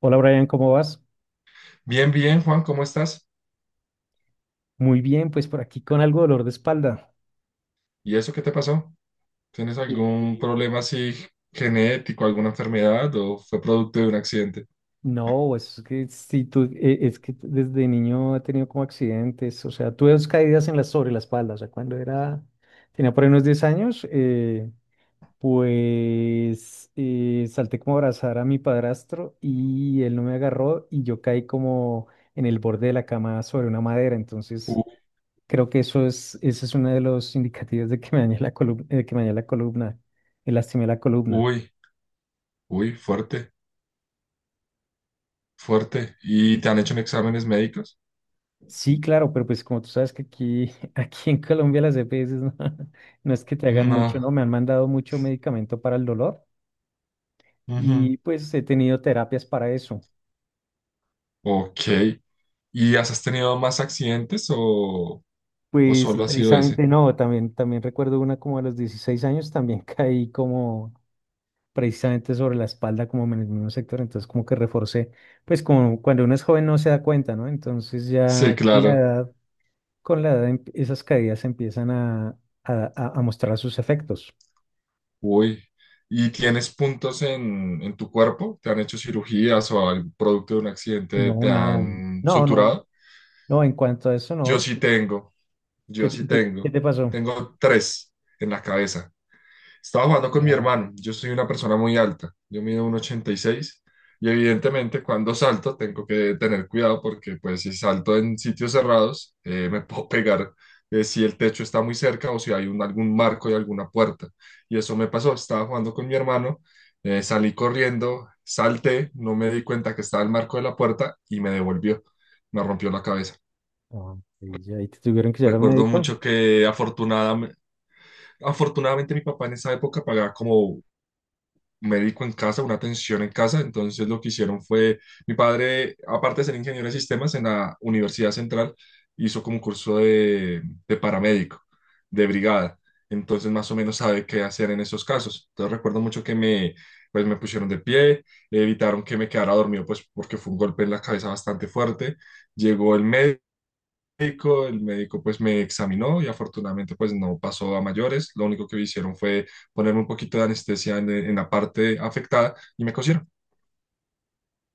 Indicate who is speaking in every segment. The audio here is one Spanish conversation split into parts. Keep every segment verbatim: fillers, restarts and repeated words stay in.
Speaker 1: Hola Brian, ¿cómo vas?
Speaker 2: Bien, bien, Juan, ¿cómo estás?
Speaker 1: Muy bien, pues por aquí con algo de dolor de espalda.
Speaker 2: ¿Y eso qué te pasó? ¿Tienes algún
Speaker 1: Eh,
Speaker 2: problema así genético, alguna enfermedad o fue producto de un accidente?
Speaker 1: No, pues es que si tú, eh, es que desde niño he tenido como accidentes, o sea, tuve dos caídas en la, sobre la espalda, o sea, cuando era, tenía por ahí unos diez años, eh, pues eh, salté como a abrazar a mi padrastro y él no me agarró y yo caí como en el borde de la cama sobre una madera, entonces
Speaker 2: U-
Speaker 1: creo que eso es, ese es uno de los indicativos de que me dañé la columna, de que me dañé la columna, me lastimé la columna.
Speaker 2: Uy, uy, fuerte, fuerte. ¿Y te han hecho exámenes médicos?
Speaker 1: Sí, claro, pero pues como tú sabes que aquí, aquí en Colombia las E P S no, no es que te hagan mucho,
Speaker 2: No.
Speaker 1: ¿no? Me han mandado mucho medicamento para el dolor
Speaker 2: Ujú.
Speaker 1: y pues he tenido terapias para eso.
Speaker 2: Ok. ¿Y has has tenido más accidentes o, o
Speaker 1: Pues
Speaker 2: solo ha sido ese?
Speaker 1: precisamente no, también, también recuerdo una como a los dieciséis años, también caí como precisamente sobre la espalda, como en el mismo sector, entonces como que reforcé, pues como cuando uno es joven no se da cuenta, ¿no? Entonces
Speaker 2: Sí,
Speaker 1: ya con la
Speaker 2: claro.
Speaker 1: edad, con la edad em- esas caídas empiezan a, a, a a mostrar sus efectos.
Speaker 2: Uy. ¿Y tienes puntos en, en tu cuerpo? ¿Te han hecho cirugías o al producto de un accidente
Speaker 1: No,
Speaker 2: te
Speaker 1: nada,
Speaker 2: han
Speaker 1: no, no,
Speaker 2: suturado?
Speaker 1: no, en cuanto a eso,
Speaker 2: Yo
Speaker 1: no.
Speaker 2: sí tengo,
Speaker 1: ¿Qué,
Speaker 2: yo
Speaker 1: te-
Speaker 2: sí
Speaker 1: qué, qué
Speaker 2: tengo.
Speaker 1: te pasó?
Speaker 2: Tengo tres en la cabeza. Estaba jugando con mi
Speaker 1: Wow.
Speaker 2: hermano. Yo soy una persona muy alta. Yo mido uno coma ochenta y seis y seis, y evidentemente cuando salto tengo que tener cuidado porque pues si salto en sitios cerrados, eh, me puedo pegar eh, si el techo está muy cerca o si hay un, algún marco y alguna puerta. Y eso me pasó. Estaba jugando con mi hermano, eh, salí corriendo, salté, no me di cuenta que estaba el marco de la puerta y me devolvió. Me rompió la cabeza.
Speaker 1: Ah, ok, ya. ¿Y te tuvieron que llevar al
Speaker 2: Recuerdo
Speaker 1: médico?
Speaker 2: mucho que afortunadamente... Afortunadamente mi papá en esa época pagaba como médico en casa, una atención en casa. Entonces lo que hicieron fue, mi padre, aparte de ser ingeniero de sistemas en la Universidad Central, hizo como un curso de, de, paramédico, de brigada. Entonces más o menos sabe qué hacer en esos casos. Entonces recuerdo mucho que me, pues, me pusieron de pie, evitaron que me quedara dormido, pues porque fue un golpe en la cabeza bastante fuerte. Llegó el médico médico, el médico pues me examinó y afortunadamente pues no pasó a mayores. Lo único que hicieron fue ponerme un poquito de anestesia en, en la parte afectada y me cosieron.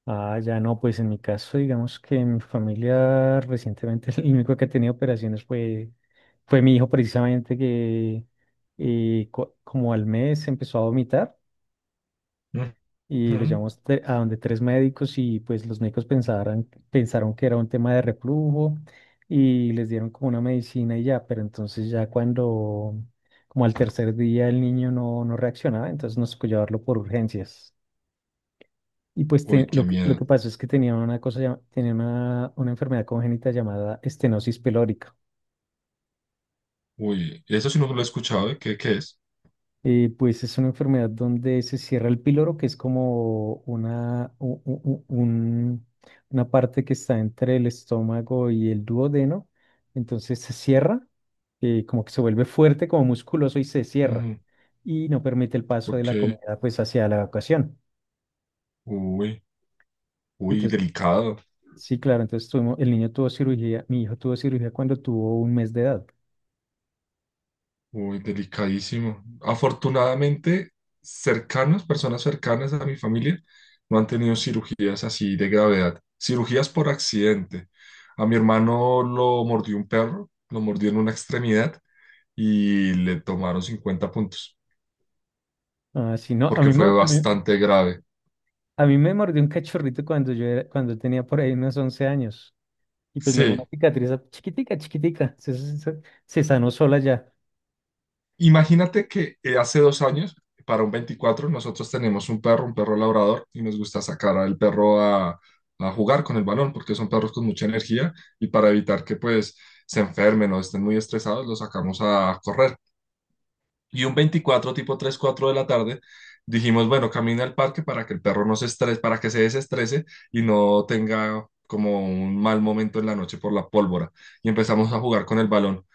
Speaker 1: Ah, ya no, pues en mi caso, digamos que mi familia recientemente el único que ha tenido operaciones fue, fue mi hijo precisamente que eh, co- como al mes empezó a vomitar y lo
Speaker 2: Ujú.
Speaker 1: llevamos te- a donde tres médicos y pues los médicos pensaron, pensaron que era un tema de reflujo y les dieron como una medicina y ya, pero entonces ya cuando como al tercer día el niño no, no reaccionaba, entonces nos tocó llevarlo por urgencias. Y pues te-
Speaker 2: Uy, qué
Speaker 1: lo, que lo
Speaker 2: miedo.
Speaker 1: que pasó es que tenía una cosa, llama- tenía una, una enfermedad congénita llamada estenosis pilórica.
Speaker 2: Uy, eso sí no lo he escuchado, ¿eh? ¿Qué, qué es?
Speaker 1: Eh, pues es una enfermedad donde se cierra el píloro, que es como una, u- u- u- un- una parte que está entre el estómago y el duodeno. Entonces se cierra, eh, como que se vuelve fuerte, como musculoso y se cierra.
Speaker 2: Ujú.
Speaker 1: Y no permite el paso de
Speaker 2: Ok,
Speaker 1: la comida pues hacia la evacuación.
Speaker 2: uy, uy,
Speaker 1: Entonces,
Speaker 2: delicado.
Speaker 1: sí, claro, entonces tuvimos, el niño tuvo cirugía, mi hijo tuvo cirugía cuando tuvo un mes de edad.
Speaker 2: Uy, delicadísimo. Afortunadamente, cercanos, personas cercanas a mi familia, no han tenido cirugías así de gravedad. Cirugías por accidente. A mi hermano lo mordió un perro, lo mordió en una extremidad y le tomaron cincuenta puntos,
Speaker 1: Ah, sí, no, a
Speaker 2: porque
Speaker 1: mí,
Speaker 2: fue
Speaker 1: mo- a mí,
Speaker 2: bastante grave.
Speaker 1: a mí me mordió un cachorrito cuando yo era- cuando tenía por ahí unos once años. Y pues me dio una
Speaker 2: Sí.
Speaker 1: cicatriz a- chiquitica, chiquitica. Se, se- se- se sanó sola ya.
Speaker 2: Imagínate que eh, hace dos años, para un veinticuatro, nosotros tenemos un perro, un perro labrador, y nos gusta sacar al perro a, a jugar con el balón, porque son perros con mucha energía, y para evitar que pues se enfermen o estén muy estresados, los sacamos a correr. Y un veinticuatro, tipo tres cuatro de la tarde, dijimos, bueno, camina al parque para que el perro no se estrese, para que se desestrese y no tenga como un mal momento en la noche por la pólvora. Y empezamos a jugar con el balón.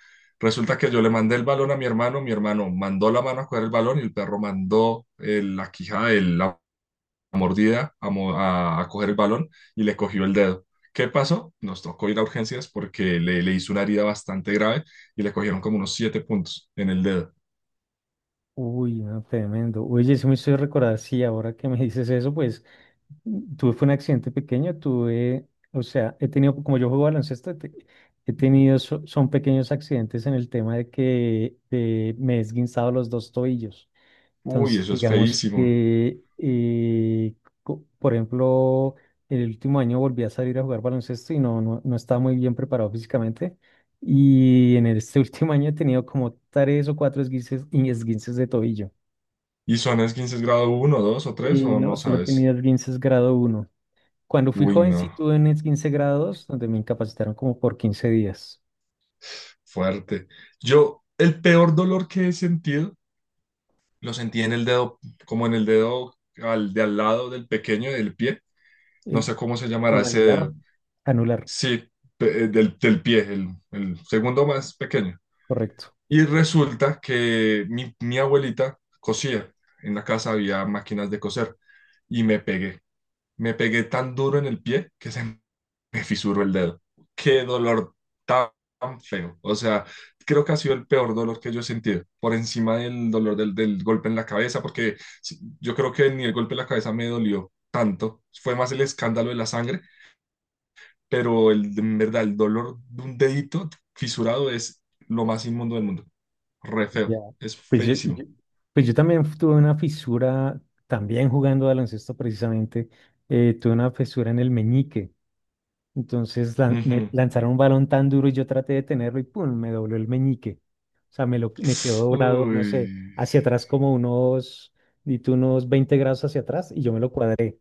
Speaker 2: Resulta que yo le mandé el balón a mi hermano, mi hermano mandó la mano a coger el balón y el perro mandó eh, la quijada, el- la mordida a, mo- a- a coger el balón y le cogió el dedo. ¿Qué pasó? Nos tocó ir a urgencias porque le, le hizo una herida bastante grave y le cogieron como unos siete puntos en el dedo.
Speaker 1: Uy, no, tremendo. Oye, sí me estoy recordar, sí, ahora que me dices eso, pues mm, tuve fue un accidente pequeño, tuve, o sea, he tenido, como yo juego baloncesto, te- he tenido, so- son pequeños accidentes en el tema de que eh, me he esguinzado los dos tobillos.
Speaker 2: Uy,
Speaker 1: Entonces,
Speaker 2: eso es
Speaker 1: digamos
Speaker 2: feísimo.
Speaker 1: que, eh, co- por ejemplo, el último año volví a salir a jugar baloncesto y no, no, no estaba muy bien preparado físicamente. Y en este último año he tenido como tres o cuatro esguinces, y esguinces de tobillo.
Speaker 2: ¿Y son esguinces grado uno, dos o tres,
Speaker 1: Eh,
Speaker 2: o
Speaker 1: no,
Speaker 2: no
Speaker 1: solo he
Speaker 2: sabes?
Speaker 1: tenido esguinces grado uno. Cuando fui
Speaker 2: Uy,
Speaker 1: joven sí
Speaker 2: no.
Speaker 1: tuve un esguince grado dos donde me incapacitaron como por quince días.
Speaker 2: Fuerte. Yo, el peor dolor que he sentido, lo sentí en el dedo, como en el dedo al, de al lado del pequeño del pie. No
Speaker 1: El,
Speaker 2: sé cómo se llamará
Speaker 1: el
Speaker 2: ese
Speaker 1: anular.
Speaker 2: dedo.
Speaker 1: Anular,
Speaker 2: Sí, pe- eh, del, del pie, el, el segundo más pequeño.
Speaker 1: correcto.
Speaker 2: Y resulta que mi, mi abuelita cosía. En la casa había máquinas de coser. Y me pegué. Me pegué tan duro en el pie que se me fisuró el dedo. Qué dolor tan feo. O sea, creo que ha sido el peor dolor que yo he sentido, por encima del dolor del, del golpe en la cabeza, porque sí, yo creo que ni el golpe en la cabeza me dolió tanto. Fue más el escándalo de la sangre, pero el, en verdad el dolor de un dedito fisurado es lo más inmundo del mundo. Re feo.
Speaker 1: Ya.
Speaker 2: Es
Speaker 1: Pues yo, yo-
Speaker 2: feísimo.
Speaker 1: pues yo también tuve una fisura, también jugando baloncesto precisamente, eh, tuve una fisura en el meñique. Entonces lan- me
Speaker 2: Ujú.
Speaker 1: lanzaron un balón tan duro y yo traté de tenerlo y ¡pum! Me dobló el meñique. O sea, me, lo, me quedó doblado, no
Speaker 2: Uy,
Speaker 1: sé, hacia atrás como unos, di tú, unos veinte grados hacia atrás y yo me lo cuadré.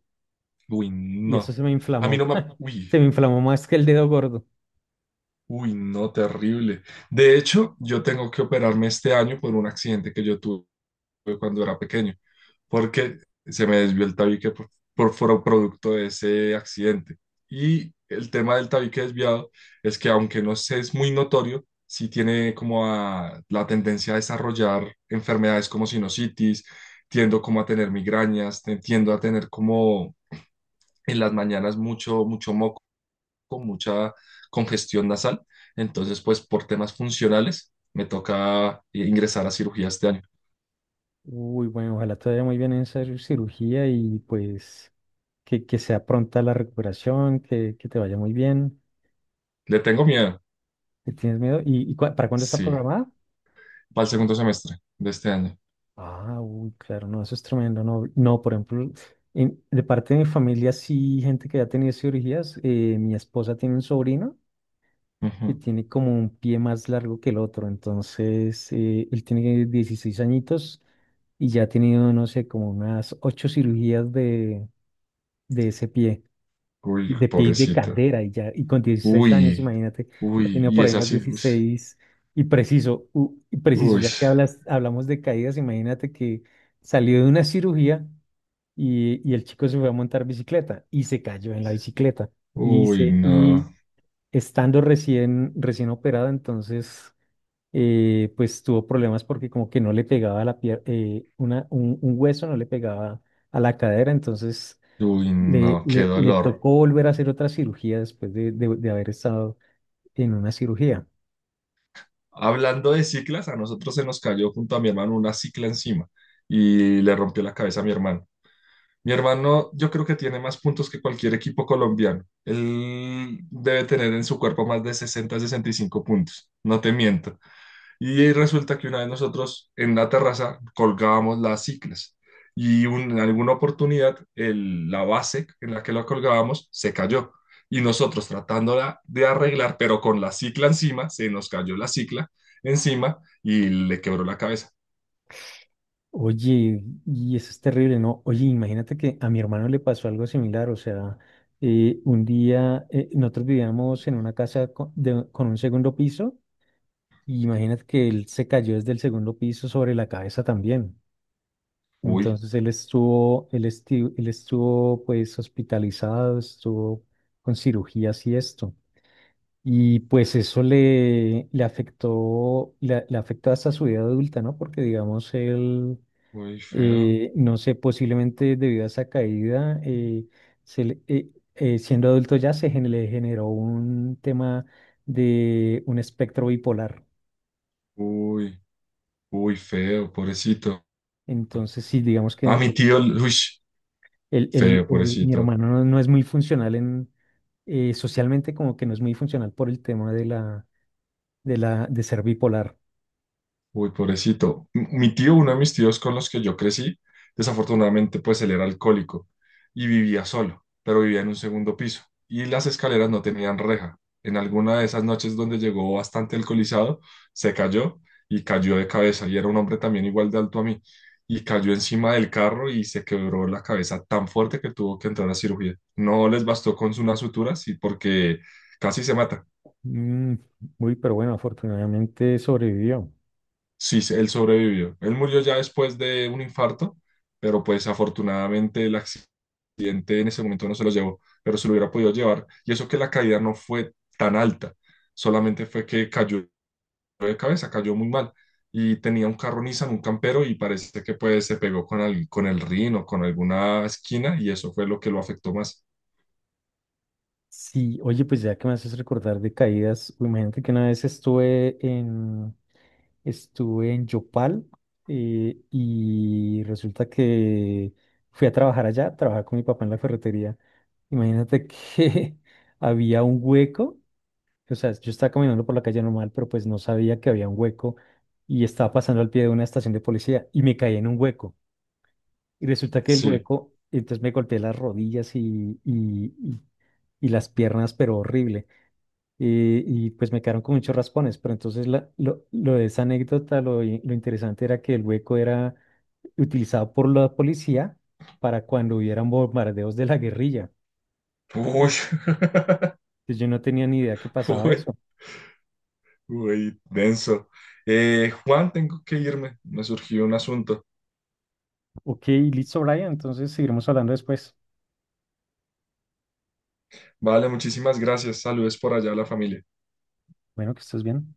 Speaker 2: uy,
Speaker 1: Y eso
Speaker 2: no.
Speaker 1: se me
Speaker 2: A mí
Speaker 1: inflamó,
Speaker 2: no me... Uy,
Speaker 1: se me inflamó más que el dedo gordo.
Speaker 2: uy, no, terrible. De hecho, yo tengo que operarme este año por un accidente que yo tuve cuando era pequeño, porque se me desvió el tabique por, por foro- producto de ese accidente. Y el tema del tabique desviado es que aunque no sé, es muy notorio, sí tiene como a- la tendencia a desarrollar enfermedades como sinusitis, tiendo como a tener migrañas, te- tiendo a tener como en las mañanas mucho, mucho moco con mucha congestión nasal. Entonces, pues por temas funcionales, me toca ingresar a cirugía este año.
Speaker 1: Uy, bueno, ojalá te vaya muy bien en esa cirugía y pues... que, que sea pronta la recuperación, que, que te vaya muy bien,
Speaker 2: Le tengo miedo,
Speaker 1: que tienes miedo. ¿Y, y cua- para cuándo está
Speaker 2: sí,
Speaker 1: programada?
Speaker 2: para el segundo semestre de este año.
Speaker 1: Ah, uy, claro, no, eso es tremendo. No, no, por ejemplo, en- de parte de mi familia, sí, gente que ya ha tenido cirugías, eh, mi esposa tiene un sobrino que
Speaker 2: Ujú.
Speaker 1: tiene como un pie más largo que el otro, entonces eh, él tiene dieciséis añitos y ya ha tenido, no sé, como unas ocho cirugías de, de ese pie.
Speaker 2: Uy,
Speaker 1: Y de pie y de
Speaker 2: pobrecita.
Speaker 1: cadera y ya, y con dieciséis años,
Speaker 2: Uy,
Speaker 1: imagínate, ha
Speaker 2: uy,
Speaker 1: tenido
Speaker 2: y
Speaker 1: por ahí
Speaker 2: es
Speaker 1: unas
Speaker 2: así. Uy,
Speaker 1: dieciséis. Y preciso, u- y preciso,
Speaker 2: uy,
Speaker 1: ya que hablas, hablamos de caídas, imagínate que salió de una cirugía y, y el chico se fue a montar bicicleta y se cayó en la bicicleta y
Speaker 2: uy,
Speaker 1: se,
Speaker 2: no.
Speaker 1: y estando recién, recién operado, entonces, eh, pues tuvo problemas porque como que no le pegaba la pier- eh, una, un, un hueso no le pegaba a la cadera, entonces
Speaker 2: Uy,
Speaker 1: le,
Speaker 2: no, qué
Speaker 1: le, le
Speaker 2: dolor.
Speaker 1: tocó volver a hacer otra cirugía después de, de- de haber estado en una cirugía.
Speaker 2: Hablando de ciclas, a nosotros se nos cayó junto a mi hermano una cicla encima y le rompió la cabeza a mi hermano. Mi hermano, yo creo que tiene más puntos que cualquier equipo colombiano. Él debe tener en su cuerpo más de sesenta sesenta y cinco puntos. No te miento. Y resulta que una vez nosotros en la terraza colgábamos las ciclas y un- en alguna oportunidad el- la base en la que la colgábamos se cayó. Y nosotros tratándola de arreglar, pero con la cicla encima, se nos cayó la cicla encima y le quebró la cabeza.
Speaker 1: Oye, y eso es terrible, ¿no? Oye, imagínate que a mi hermano le pasó algo similar, o sea, eh, un día eh, nosotros vivíamos en una casa co- de- con, un segundo piso, y imagínate que él se cayó desde el segundo piso sobre la cabeza también.
Speaker 2: Uy,
Speaker 1: Entonces él estuvo, él estu- él estuvo pues hospitalizado, estuvo con cirugías y esto. Y pues eso le, le afectó, le, le afectó hasta su vida adulta, ¿no? Porque digamos, él,
Speaker 2: uy, feo.
Speaker 1: eh, no sé, posiblemente debido a esa caída, eh, se le- eh, eh, siendo adulto ya se gen- le generó un tema de un espectro bipolar.
Speaker 2: Uy, uy, feo, pobrecito.
Speaker 1: Entonces, sí, digamos que
Speaker 2: A mi tío,
Speaker 1: el,
Speaker 2: uy,
Speaker 1: el- el-
Speaker 2: feo,
Speaker 1: el- mi
Speaker 2: pobrecito.
Speaker 1: hermano no, no es muy funcional en, eh, socialmente, como que no es muy funcional por el tema de la, de la, de ser bipolar.
Speaker 2: Uy, pobrecito. M- Mi tío, uno de mis tíos con los que yo crecí, desafortunadamente, pues él era alcohólico y vivía solo, pero vivía en un segundo piso y las escaleras no tenían reja. En alguna de esas noches donde llegó bastante alcoholizado, se cayó y cayó de cabeza, y era un hombre también igual de alto a mí, y cayó encima del carro y se quebró la cabeza tan fuerte que tuvo que entrar a cirugía. No les bastó con su- unas suturas, y porque casi se mata.
Speaker 1: Mm, uy, pero bueno, afortunadamente sobrevivió.
Speaker 2: Sí, se- él sobrevivió. Él murió ya después de un infarto, pero pues afortunadamente el accidente en ese momento no se lo llevó, pero se lo hubiera podido llevar. Y eso que la caída no fue tan alta, solamente fue que cayó de cabeza, cayó muy mal. Y tenía un carro Nissan, un campero, y parece que pues se pegó con el, con el, rin o con alguna esquina, y eso fue lo que lo afectó más.
Speaker 1: Sí, oye, pues ya que me haces recordar de caídas, uy, imagínate que una vez estuve en, estuve en Yopal eh, y resulta que fui a trabajar allá, trabajaba con mi papá en la ferretería. Imagínate que había un hueco, o sea, yo estaba caminando por la calle normal, pero pues no sabía que había un hueco y estaba pasando al pie de una estación de policía y me caí en un hueco. Y resulta que el
Speaker 2: Sí.
Speaker 1: hueco, entonces me golpeé las rodillas y, y, y- y las piernas, pero horrible. Y, y pues me quedaron con muchos raspones, pero entonces la- lo, lo de esa anécdota, lo, i- lo interesante era que el hueco era utilizado por la policía para cuando hubieran bombardeos de la guerrilla.
Speaker 2: Uy,
Speaker 1: Entonces yo no tenía ni idea que pasaba
Speaker 2: uy,
Speaker 1: eso.
Speaker 2: uy, denso. Eh, Juan, tengo que irme. Me surgió un asunto.
Speaker 1: Ok, listo, Brian, entonces seguiremos hablando después.
Speaker 2: Vale, muchísimas gracias. Saludos por allá a la familia.
Speaker 1: Bueno, que estés bien.